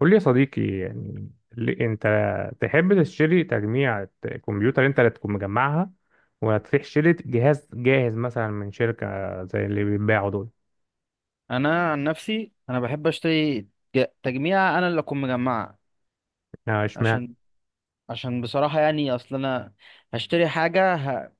قول لي يا صديقي يعني انت تحب تشتري تجميع كمبيوتر انت اللي تكون مجمعها، ولا تروح شتري جهاز جاهز مثلا من شركة زي اللي بيتباعوا دول؟ انا عن نفسي انا بحب اشتري تجميع انا اللي اكون مجمعها. اه، اشمعنى؟ عشان عشان بصراحه، يعني اصل انا هشتري حاجه،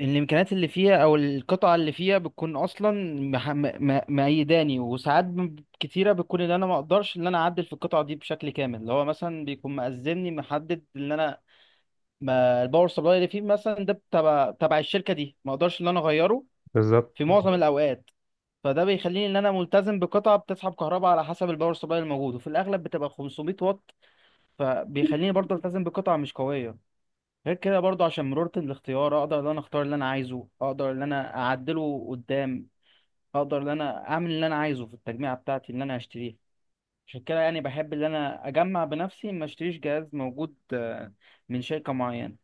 الامكانيات اللي فيها او القطعه اللي فيها بتكون اصلا مح... م... مأيداني، وساعات كتيره بتكون ان انا ما اقدرش ان انا اعدل في القطعه دي بشكل كامل، اللي هو مثلا بيكون مأذني محدد ان انا، ما الباور سبلاي اللي فيه مثلا ده تبع الشركه دي ما اقدرش ان انا اغيره بالظبط. في معظم الاوقات. فده بيخليني ان انا ملتزم بقطعه بتسحب كهرباء على حسب الباور سبلاي الموجود، وفي الاغلب بتبقى 500 واط، فبيخليني برضه التزم بقطعه مش قويه. غير كده برضه، عشان مرونه الاختيار، اقدر ان انا اختار اللي انا عايزه، اقدر ان انا اعدله قدام، اقدر ان انا اعمل اللي انا عايزه في التجميعه بتاعتي اللي انا هشتريها. عشان كده يعني بحب ان انا اجمع بنفسي، ما اشتريش جهاز موجود من شركه معينه.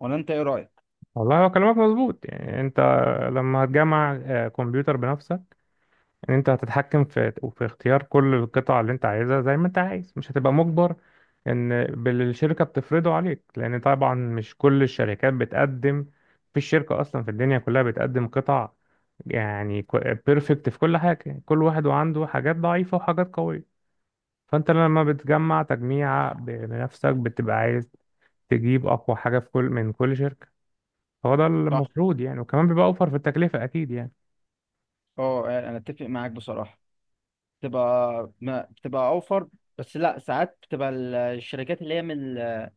ولا انت ايه رايك؟ والله هو كلامك مظبوط. يعني انت لما هتجمع كمبيوتر بنفسك، ان انت هتتحكم في اختيار كل القطع اللي انت عايزها زي ما انت عايز، مش هتبقى مجبر ان بالشركة بتفرضه عليك. لان طبعا مش كل الشركات بتقدم، في الشركة اصلا في الدنيا كلها بتقدم قطع يعني بيرفكت في كل حاجة. كل واحد وعنده حاجات ضعيفة وحاجات قوية. فانت لما بتجمع تجميع بنفسك بتبقى عايز تجيب اقوى حاجة في كل من كل شركة. هو ده صح. المفروض يعني، وكمان بيبقى اوفر في التكلفة اكيد يعني. اه، انا اتفق معاك بصراحه. بتبقى، ما بتبقى اوفر، بس لا، ساعات بتبقى الشركات اللي هي من ال-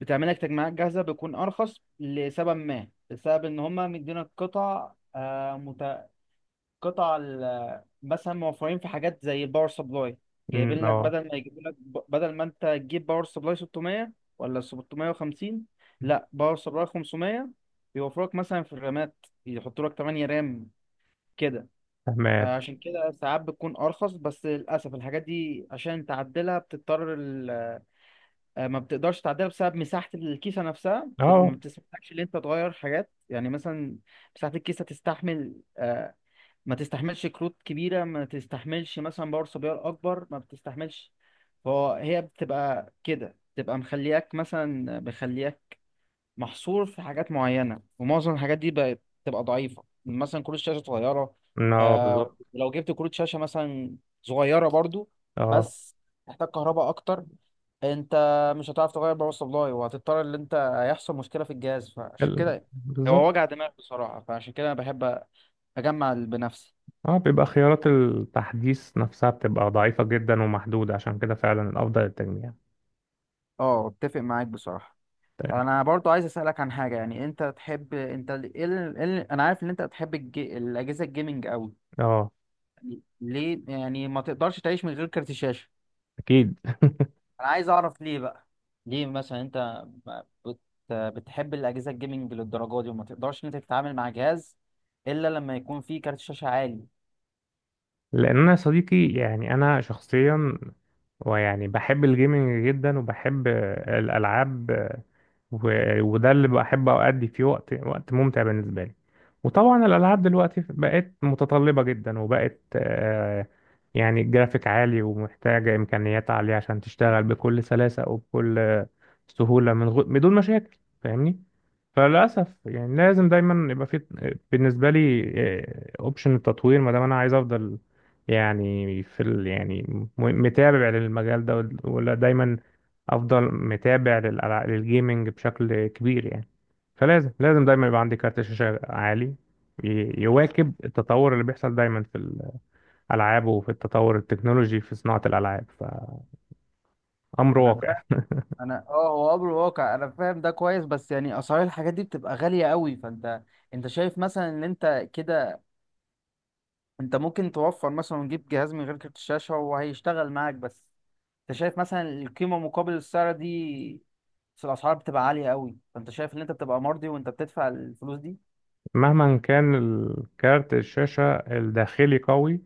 بتعمل لك تجميعات جاهزه، بيكون ارخص لسبب ما، بسبب ان هم مدينا القطع، قطع مثلا موفرين في حاجات زي الباور سبلاي، جايبين لك، اه. بدل ما يجيبوا لك، بدل ما انت تجيب باور سبلاي 600 ولا 650، لا باور سبلاي 500، بيوفروا لك مثلا في الرامات يحطوا لك 8 رام كده. تمام. عشان كده ساعات بتكون ارخص، بس للاسف الحاجات دي عشان تعدلها بتضطر ما بتقدرش تعدلها بسبب مساحه الكيسه نفسها، ما اه. بتسمحلكش ان انت تغير حاجات، يعني مثلا مساحه الكيسه تستحمل، ما تستحملش كروت كبيره، ما تستحملش مثلا باور سبلاي اكبر، ما بتستحملش. فهي بتبقى كده، بتبقى مخلياك، مثلا مخلياك محصور في حاجات معينة، ومعظم الحاجات دي بقت بتبقى ضعيفة، يعني مثلا كروت شاشة صغيرة. اه، بالظبط. لو جبت كروت شاشة مثلا صغيرة برضو، اه، بس تحتاج كهرباء أكتر، أنت مش هتعرف تغير باور سبلاي، وهتضطر إن أنت هيحصل مشكلة في الجهاز، فعشان كده هو بالظبط. وجع دماغ بصراحة، فعشان كده أنا بحب أجمع بنفسي. اه، بيبقى خيارات التحديث نفسها بتبقى ضعيفة جدا ومحدودة، عشان كده فعلا الأفضل التجميع. أه، أتفق معاك بصراحة. تمام. أنا برضو عايز أسألك عن حاجة، يعني أنت تحب، أنت ال... ال... ال... أنا عارف إن أنت بتحب الأجهزة الجيمنج أوي، اه. ليه؟ يعني ما تقدرش تعيش من غير كارت الشاشة، أكيد. انا عايز اعرف ليه بقى. ليه مثلا انت بت... بتحب الاجهزه الجيمنج للدرجه دي، وما تقدرش ان انت تتعامل مع جهاز الا لما يكون فيه كارت شاشه عالي؟ لان انا يا صديقي يعني انا شخصيا ويعني بحب الجيمنج جدا، وبحب الالعاب، و- وده اللي بحب أؤدي فيه وقت ممتع بالنسبة لي. وطبعا الألعاب دلوقتي بقت متطلبة جدا، وبقت يعني جرافيك عالي، ومحتاجة إمكانيات عالية عشان تشتغل بكل سلاسة وبكل سهولة، بدون مشاكل، فاهمني؟ فللأسف يعني لازم دايما يبقى في، بالنسبة لي، أوبشن التطوير. ما دام أنا عايز أفضل يعني يعني متابع للمجال ده ولا دايما افضل متابع للجيمنج بشكل كبير يعني، فلازم دايما يبقى عندي كارت شاشة عالي يواكب التطور اللي بيحصل دايما في الألعاب وفي التطور التكنولوجي في صناعة الألعاب، فأمر انا واقع. فاهم. انا، هو امر واقع، انا فاهم ده كويس، بس يعني اسعار الحاجات دي بتبقى غالية قوي، فانت شايف مثلا ان انت كده، انت ممكن توفر مثلا وتجيب جهاز من غير كارت الشاشة وهيشتغل معاك بس، انت شايف مثلا القيمة مقابل السعر دي؟ بس الاسعار بتبقى عاليه قوي، فانت شايف ان انت بتبقى مرضي وانت بتدفع الفلوس دي؟ مهما كان الكارت الشاشة الداخلي قوي،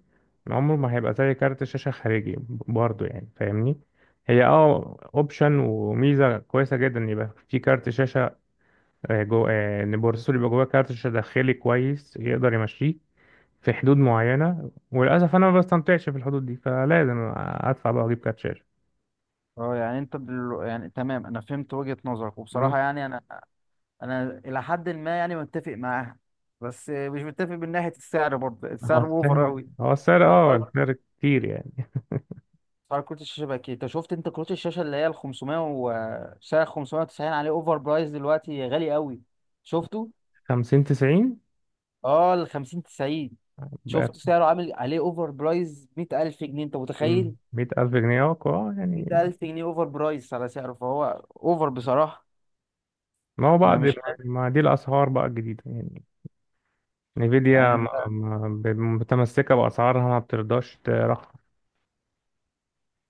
عمره ما هيبقى زي كارت الشاشة خارجي برضه يعني، فاهمني؟ هي اوبشن وميزة كويسة جدا إن يبقى في كارت شاشة، آه، جو آه، ان البروسيسور يبقى جواه كارت شاشة داخلي كويس، يقدر يمشيه في حدود معينة، وللأسف أنا ما بستمتعش في الحدود دي، فلازم أدفع بقى وأجيب كارت شاشة. اه يعني، انت يعني تمام، انا فهمت وجهة نظرك مم. وبصراحة يعني انا الى حد ما يعني متفق معاها، بس مش متفق من ناحية السعر. برضه هو السعر اوفر السعر، اوي. اه، اسعار السعر كتير يعني. اسعار كروت الشاشه بقى كده. انت شفت كروت الشاشه اللي هي ال 500 و سعر 590 عليه اوفر برايس دلوقتي غالي قوي؟ شفته. خمسين تسعين اه، ال 50 90، بقى، شفت سعره عامل عليه اوفر برايس 100,000 جنيه، انت متخيل؟ مية ألف جنيه يعني. 100,000 جنيه اوفر برايس على سعره، فهو اوفر بصراحة. ما هو انا بعد ما، مش عارف. ما دي الأسعار بقى الجديدة يعني، يعني نيفيديا انت، متمسكة بأسعارها، ما بترضاش ترخص.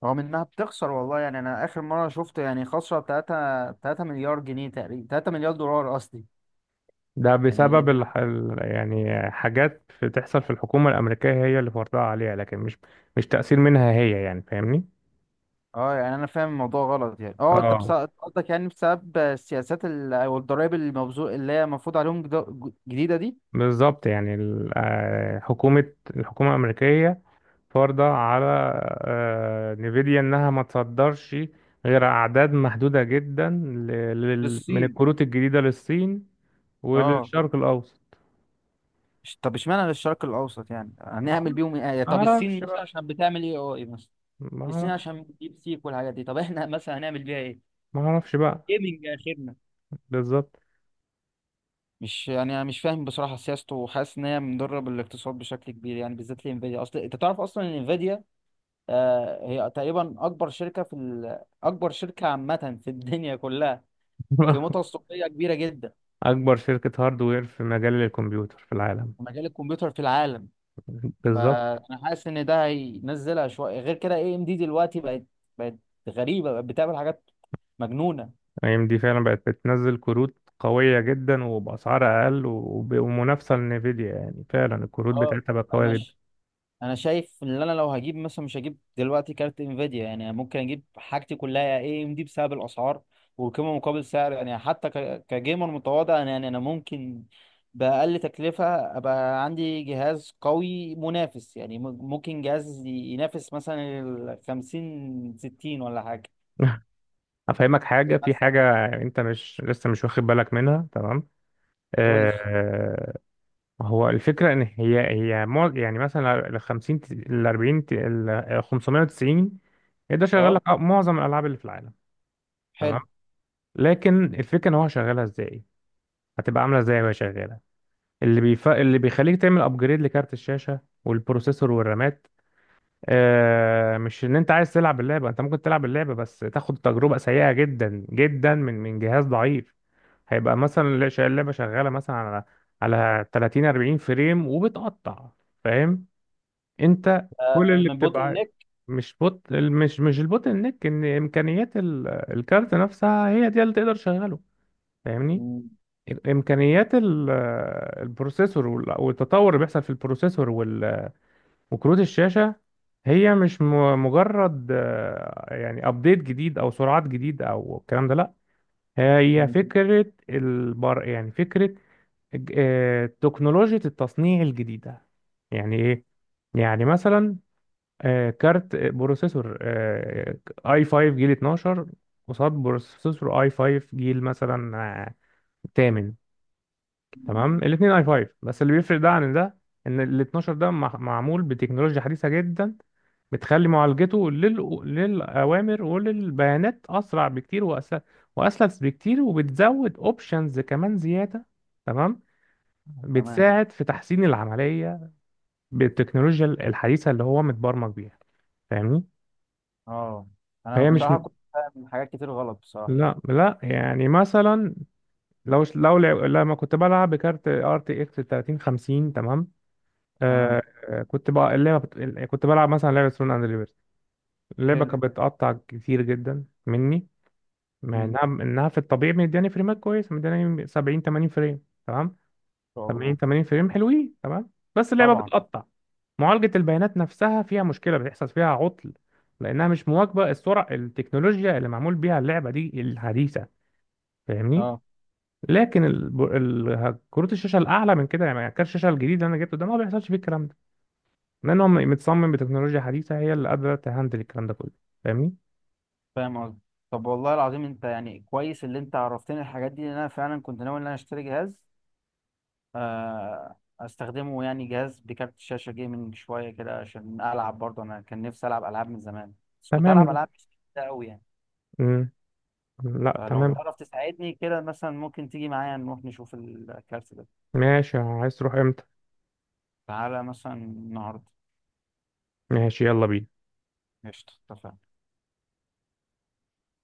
رغم انها بتخسر والله، يعني انا اخر مرة شفت يعني خسرة 3 مليار جنيه تقريبا، 3 مليار دولار قصدي. ده يعني بسبب يعني حاجات بتحصل في الحكومة الأمريكية، هي اللي فرضها عليها، لكن مش تأثير منها هي يعني، فاهمني؟ اه، يعني انا فاهم الموضوع غلط، يعني اه، اه انت اه، قصدك يعني بسبب السياسات او الضرائب المبذول اللي هي المفروض عليهم جديدة دي. بالظبط. يعني الحكومة الأمريكية فرضة على نيفيديا إنها ما تصدرش غير أعداد محدودة جدا من للصين. الكروت الجديدة للصين اه. وللشرق الأوسط. طب اشمعنى للشرق الاوسط؟ يعني ما هنعمل بيهم ايه؟ يعني طب الصين اعرفش مثلا بقى. عشان بتعمل ايه اي مثلا؟ ما الصين اعرفش. عشان ديب سيك والحاجات دي، طب احنا مثلا هنعمل بيها ايه؟ ما اعرفش بقى. جيمنج اخرنا. بالظبط. مش، يعني انا مش فاهم بصراحه سياسته، وحاسس ان هي مضره بالاقتصاد بشكل كبير، يعني بالذات لانفيديا. اصل انت تعرف اصلا ان انفيديا، هي تقريبا اكبر شركه في اكبر شركه عامه في الدنيا كلها. قيمتها السوقيه كبيره جدا. اكبر شركة هاردوير في مجال الكمبيوتر في العالم. في مجال الكمبيوتر في العالم. بالظبط. فانا حاسس ان ده هينزلها شويه. غير كده اي ام دي دلوقتي بقت غريبه، بقت بتعمل حاجات مجنونه. اي ام دي فعلا بقت بتنزل كروت قوية جدا وبأسعار أقل ومنافسة لنفيديا، يعني فعلا الكروت اه، بتاعتها بقت قوية انا جدا. انا شايف ان انا لو هجيب مثلا، مش هجيب دلوقتي كارت انفيديا، يعني ممكن اجيب حاجتي كلها اي ام دي بسبب الاسعار والقيمه مقابل سعر، يعني حتى كجيمر متواضع، يعني انا ممكن باقل تكلفه ابقى عندي جهاز قوي منافس، يعني ممكن جهاز ينافس مثلا ال 50 60 ولا حاجه. أفهمك إيه حاجة، في مثلا؟ حاجة أنت مش لسه مش واخد بالك منها. تمام. قول لي. آه، ما هو الفكرة إن هي يعني مثلا ال 50، ال 40، ال 590 يقدر يشغل لك اه، معظم الألعاب اللي في العالم. تمام. حلو. لكن الفكرة إن هو شغالها إزاي، هتبقى عاملة إزاي وهي شغالة. اللي بيخليك تعمل أبجريد لكارت الشاشة والبروسيسور والرامات مش إن أنت عايز تلعب اللعبة. أنت ممكن تلعب اللعبة، بس تاخد تجربة سيئة جدا جدا من جهاز ضعيف. هيبقى مثلا اللعبة شغالة مثلا على، 30، 40 فريم، وبتقطع، فاهم؟ انت كل اللي من بوتل بتبقى نيك. مش البوتل نيك، ان امكانيات الكارت نفسها هي دي اللي تقدر تشغله، فاهمني؟ م- امكانيات البروسيسور والتطور اللي بيحصل في البروسيسور وكروت الشاشه، هي مش مجرد يعني ابديت جديد او سرعات جديد او الكلام ده، لا. هي م- فكره البر يعني فكره تكنولوجيا التصنيع الجديده. يعني ايه؟ يعني مثلا كارت آه، بروسيسور اي 5 جيل 12 قصاد بروسيسور اي 5 جيل مثلا تامن. تمام، الاثنين اي 5، بس اللي بيفرق ده عن ده ان ال 12 ده معمول بتكنولوجيا حديثة جدا، بتخلي معالجته للأوامر وللبيانات أسرع بكتير وأسلس بكتير، وبتزود أوبشنز كمان زيادة، تمام، تمام، بتساعد في تحسين العملية بالتكنولوجيا الحديثة اللي هو متبرمج بيها، فاهمني؟ اه. انا فهي مش بصراحه م- كنت فاهم حاجات كتير غلط بصراحه. لا، لا، يعني مثلا لو لو لعب لما كنت بلعب بكارت ار تي اكس 3050، تمام، تمام. آه كنت بقى كنت بلعب مثلا لعبه سون اند ليبرتي، اللعبه حلو. كانت بتقطع كتير جدا مني. مع انها في الطبيعي مدياني فريمات كويسه، مدياني 70، 80 فريم، تمام. شاء 70، الله. 80 فريم حلوين، تمام، بس اللعبه طبعا. بتقطع. معالجه البيانات نفسها فيها مشكله، بتحصل فيها عطل، لانها مش مواكبه السرعه التكنولوجيا اللي معمول بيها اللعبه دي الحديثه، فاهمني؟ اه، لكن كروت الشاشه الاعلى من كده، يعني كارت الشاشه الجديد اللي انا جبته ده، ما بيحصلش فيه الكلام ده، لان هو متصمم بتكنولوجيا حديثه هي اللي قادره تهندل الكلام ده كله، فاهمني؟ فاهم قصدي. طب والله العظيم، انت يعني كويس اللي انت عرفتني الحاجات دي، لان انا فعلا كنت ناوي ان انا اشتري جهاز، استخدمه، يعني جهاز بكارت شاشه جيمنج شويه كده عشان العب برضه، انا كان نفسي العب العاب من زمان، بس كنت تمام العب جدا. العاب مش كتير قوي يعني. مم. لا، فلو تمام. تعرف تساعدني كده مثلا، ممكن تيجي معايا نروح نشوف الكارت ده؟ ماشي، عايز تروح امتى؟ تعالى مثلا النهارده. ماشي، يلا بينا. قشطة، اتفقنا.